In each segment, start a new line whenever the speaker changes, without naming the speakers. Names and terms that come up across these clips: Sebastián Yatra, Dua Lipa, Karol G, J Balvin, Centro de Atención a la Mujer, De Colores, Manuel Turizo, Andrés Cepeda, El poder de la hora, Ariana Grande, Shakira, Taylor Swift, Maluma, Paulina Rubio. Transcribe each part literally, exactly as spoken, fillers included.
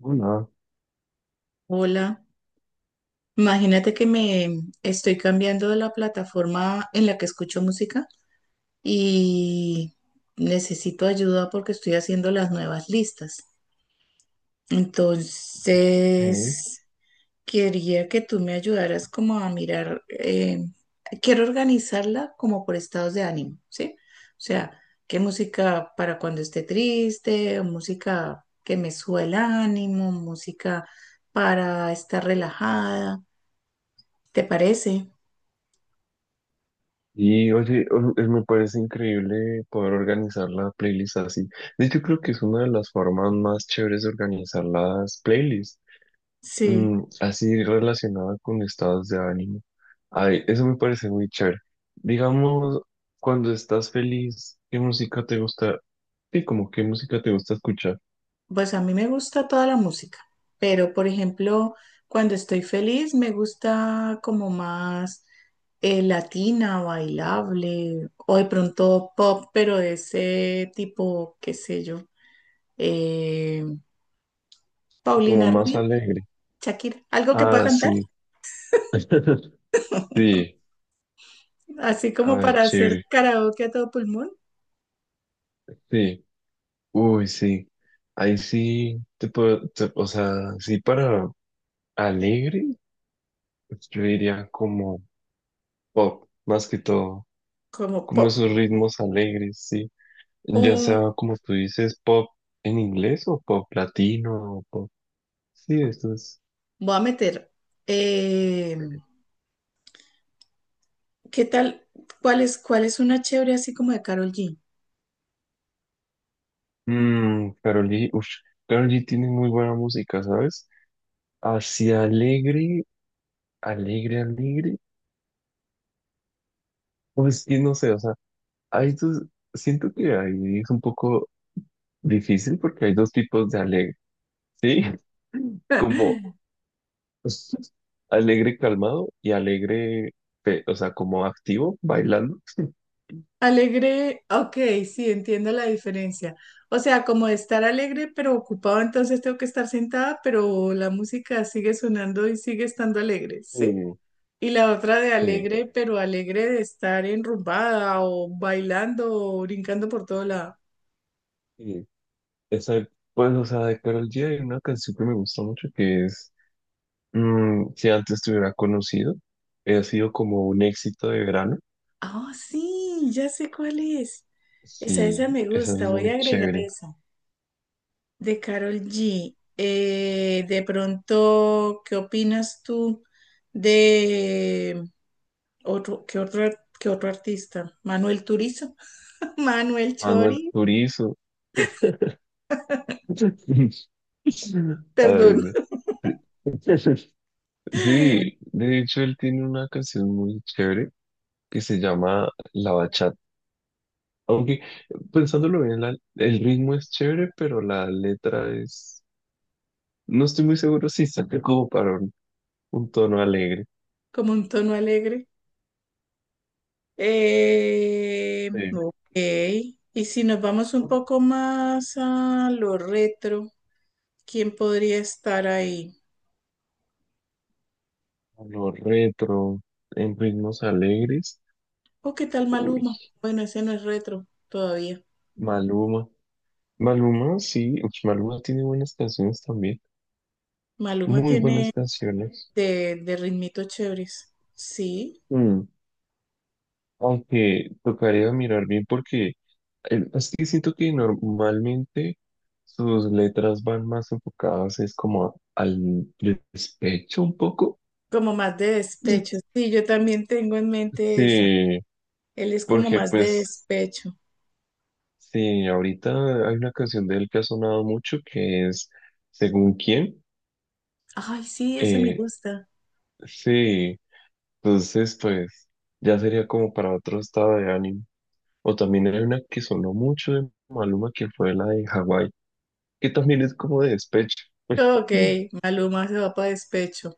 Hola,
Hola, imagínate que me estoy cambiando de la plataforma en la que escucho música y necesito ayuda porque estoy haciendo las nuevas listas.
hey.
Entonces, quería que tú me ayudaras como a mirar, eh, quiero organizarla como por estados de ánimo, ¿sí? O sea, qué música para cuando esté triste, música que me suba el ánimo, música para estar relajada, ¿te parece?
Y oye, o- eh, me parece increíble poder organizar la playlist así. De hecho, creo que es una de las formas más chéveres de organizar las playlists,
Sí,
mm, así relacionada con estados de ánimo. Ay, eso me parece muy chévere. Digamos, cuando estás feliz, ¿qué música te gusta? Sí, como qué música te gusta escuchar,
pues a mí me gusta toda la música, pero por ejemplo, cuando estoy feliz me gusta como más eh, latina, bailable, o de pronto pop, pero de ese tipo, qué sé yo, eh,
como
Paulina
más
Rubio,
alegre.
Shakira, algo que pueda
Ah,
cantar,
sí. Sí,
así
a
como
ver,
para hacer
chévere.
karaoke a todo pulmón,
Sí. Uy, sí. Ahí sí te puedo, te- o sea, sí para alegre, pues yo diría como pop, más que todo,
como
como
pop.
esos ritmos alegres, sí. Ya
O
sea como tú dices, pop en inglés o pop latino o pop. Sí, esto es.
voy a meter, eh, ¿qué tal? ¿Cuál es, cuál es una chévere así como de Karol G?
Mmm, Karol G, ush, Karol G tiene muy buena música, ¿sabes? Hacia alegre, alegre, alegre. Pues que no sé, o sea, hay dos, siento que ahí es un poco difícil porque hay dos tipos de alegre. Sí, como alegre calmado y alegre, pe- o sea, como activo, bailando.
Alegre, ok, sí, entiendo la diferencia. O sea, como de estar alegre pero ocupado, entonces tengo que estar sentada, pero la música sigue sonando y sigue estando alegre, ¿sí?
Sí,
Y la otra de
sí,
alegre, pero alegre de estar enrumbada o bailando o brincando por todo lado.
sí. Esa, pues, o sea, de Karol G hay una canción que me gusta mucho que es, mm, si antes te hubiera conocido, ha sido como un éxito de verano.
Ah, sí, ya sé cuál es. Esa,
Sí,
esa me
esa es
gusta, voy
muy
a agregar
chévere.
esa. De Carol G. Eh, de pronto, ¿qué opinas tú de... Otro, ¿qué otro, ar- qué otro artista? Manuel Turizo, Manuel
Manuel
Chori,
Turizo. Ay,
perdón,
no. Sí, de hecho él tiene una canción muy chévere que se llama La Bachata. Aunque pensándolo bien, la- el ritmo es chévere, pero la letra es... No estoy muy seguro si saca como para un, un tono alegre.
como un tono alegre. Eh,
Sí.
ok. Y si nos vamos un poco más a lo retro, ¿quién podría estar ahí?
Lo retro, en ritmos alegres.
¿O qué tal
Uy,
Maluma? Bueno, ese no es retro todavía.
Maluma. Maluma, sí. Uy, Maluma tiene buenas canciones también.
Maluma
Muy
tiene
buenas canciones.
de, de ritmitos chéveres. Sí,
Aunque tocaría mirar bien porque el- es que siento que normalmente sus letras van más enfocadas es como al despecho un poco.
como más de
Mm.
despecho. Sí, yo también tengo en mente esa.
Sí,
Él es como
porque
más de
pues
despecho.
sí, ahorita hay una canción de él que ha sonado mucho que es Según quién.
Ay, sí, esa me
Eh,
gusta.
sí, entonces pues ya sería como para otro estado de ánimo. O también hay una que sonó mucho de Maluma que fue la de Hawái, que también es como de despecho.
Ok, Maluma se va para despecho.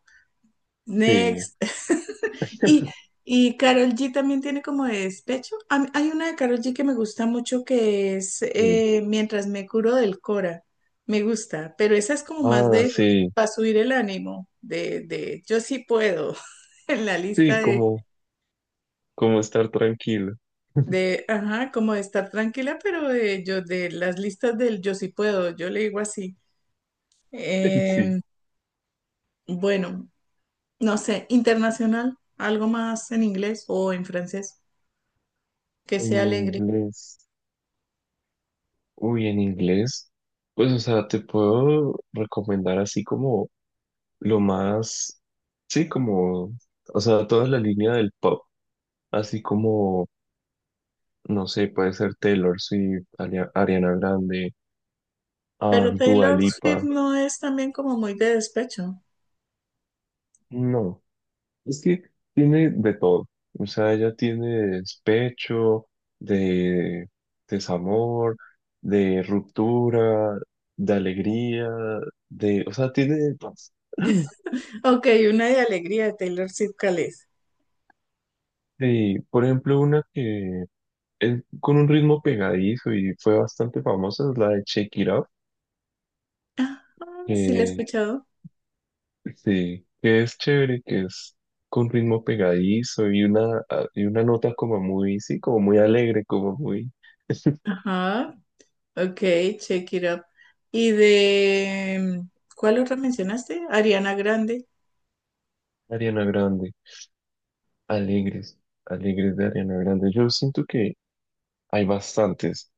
Sí.
Next. Y, y Karol G también tiene como de despecho. A mí- hay una de Karol G que me gusta mucho que es
Sí.
eh, Mientras me curo del Cora. Me gusta, pero esa es como más
Ah,
de
sí.
para subir el ánimo, de, de yo sí puedo, en la lista
Sí,
de,
como, como estar tranquilo.
de, ajá, como de estar tranquila, pero de, yo, de las listas del yo sí puedo, yo le digo así.
Sí.
Em, bueno, no sé, internacional, algo más en inglés o en francés, que
En
sea alegre.
inglés. Uy, en inglés. Pues, o sea, te puedo recomendar así como lo más. Sí, como. O sea, toda la línea del pop. Así como, no sé, puede ser Taylor Swift, Ari- Ariana Grande, ah,
Pero
Dua
Taylor Swift
Lipa.
no es también como muy de despecho.
No. Es que tiene de todo. O sea, ella tiene despecho, de desamor, de ruptura, de alegría, de... O sea, tiene de todo.
Ok, una de alegría de Taylor Swift, ¿cuál es?
Y, por ejemplo, una que es con un ritmo pegadizo y fue bastante famosa es la de Shake It Up,
Ah, sí, la he
que,
escuchado.
sí, que es chévere, que es con ritmo pegadizo y una, y una nota como muy, sí, como muy alegre, como muy
Ajá, ok, check it up. Y de, ¿cuál otra mencionaste? Ariana Grande,
Ariana Grande. Alegres, alegres de Ariana Grande. Yo siento que hay bastantes.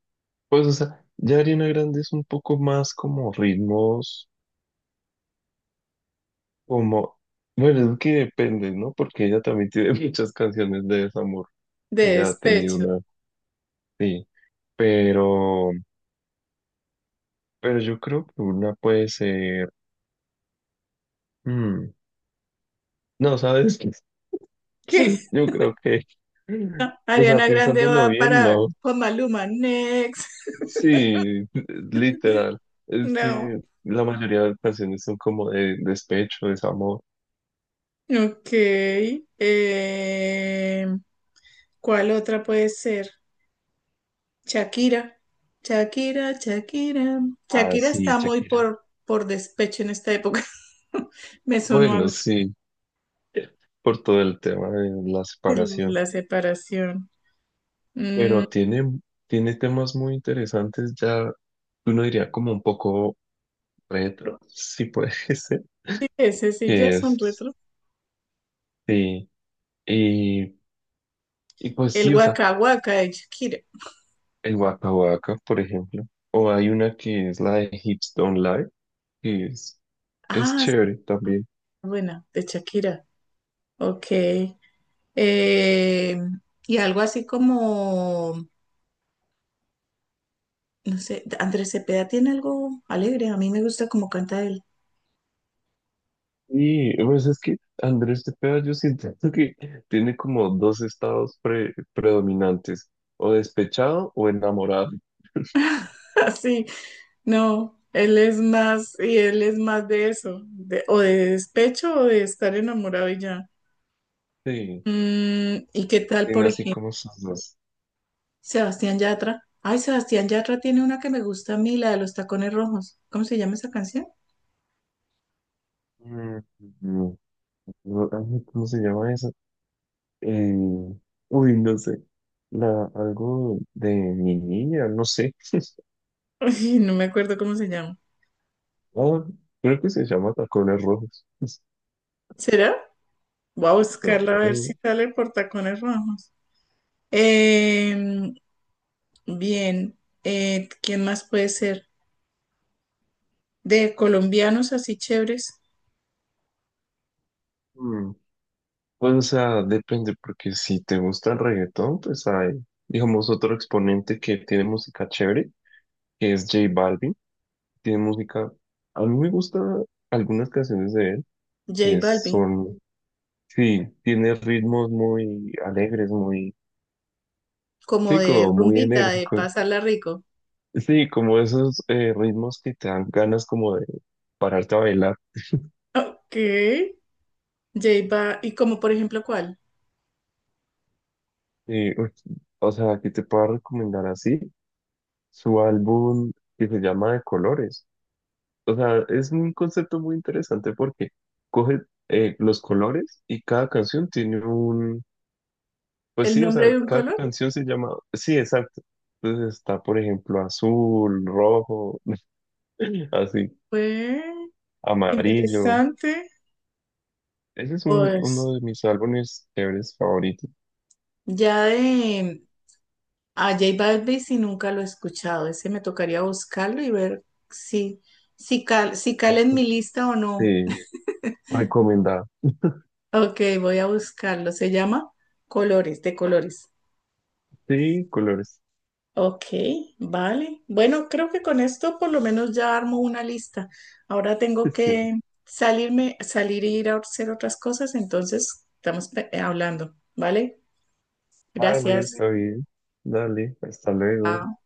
Pues, o sea, ya Ariana Grande es un poco más como ritmos, como, bueno, es que depende, ¿no? Porque ella también tiene muchas canciones de desamor.
de
Ella ha tenido
despecho.
una, sí, pero, pero yo creo que una puede ser, mm, no, ¿sabes qué?
¿Qué?
Yo creo que, o
Ariana
sea,
Grande
pensándolo
va
bien,
para
no.
con Maluma, next.
Sí, literal. Es
No.
que la mayoría de las canciones son como de despecho, desamor.
Ok. em, ¿Cuál otra puede ser? Shakira. Shakira, Shakira.
Ah,
Shakira
sí,
está muy
Shakira.
por, por despecho en esta época. Me sonó a
Bueno,
mí
sí, por todo el tema de la
el-
separación.
la separación. Mm,
Pero tiene, tiene temas muy interesantes ya, uno diría como un poco retro, si puede ser.
ese sí ya
Que
son
es,
retro.
sí. Y, y pues
El
sí, o sea,
Waka Waka de Shakira.
el Waka Waka, por ejemplo. O hay una que es la de Hips Don't Lie, que es, es
Ah, sí,
chévere también.
buena, de Shakira. Ok. Eh, y algo así como, no sé, Andrés Cepeda tiene algo alegre. A mí me gusta como canta él.
Sí, pues es que Andrés Cepeda yo siento que tiene como dos estados pre- predominantes, o despechado o enamorado.
Así. No, él es más, y él es más de eso, de- o de despecho o de estar enamorado y ya.
Sí,
Mm, ¿y qué tal, por
tiene así
ejemplo,
como sus dos.
Sebastián Yatra? Ay, Sebastián Yatra tiene una que me gusta a mí, la de los tacones rojos. ¿Cómo se llama esa canción?
Mm, mm, no, ay, ¿cómo se llama eso? Eh, uy, no sé. La, algo de mi niña, no sé.
Ay, no me acuerdo cómo se llama.
Ah, creo que se llama Tacones Rojos.
¿Será? Voy a
No,
buscarla a ver si
eh,
sale por tacones rojos. Em, bien, eh, ¿quién más puede ser? De colombianos así chéveres,
mm, pues, o sea, depende, porque si te gusta el reggaetón, pues hay, digamos, otro exponente que tiene música chévere, que es J Balvin. Tiene música, a mí me gustan algunas canciones de él,
J
que
Balvin.
son, sí, tiene ritmos muy alegres, muy,
Como
sí,
de
como muy
rumbita, de
enérgicos.
pasarla rico.
Sí, como esos eh, ritmos que te dan ganas como de pararte a bailar.
Ok, J Ba- ¿y como por ejemplo cuál?
Y, uf, o sea, aquí te puedo recomendar así su álbum que se llama De Colores. O sea, es un concepto muy interesante porque coge eh, los colores y cada canción tiene un, pues
¿El
sí, o
nombre
sea,
de un
cada
color?
canción se llama, sí, exacto. Entonces está, por ejemplo, azul, rojo, así,
Fue
amarillo.
interesante.
Ese es un-
Pues
uno de mis álbumes chéveres favoritos.
ya de a J Balvin si nunca lo he escuchado. Ese me tocaría buscarlo y ver si, si, cal, si cala en mi
Exacto.
lista o no.
Sí, recomendado.
Ok, voy a buscarlo. Se llama Colores, de colores.
Sí, colores.
Ok, vale. Bueno, creo que con esto por lo menos ya armo una lista. Ahora tengo
Sí.
que salirme, salir e ir a hacer otras cosas, entonces estamos pe- hablando, ¿vale? Vale,
Dale,
gracias.
está bien. Dale, hasta luego.
Lina.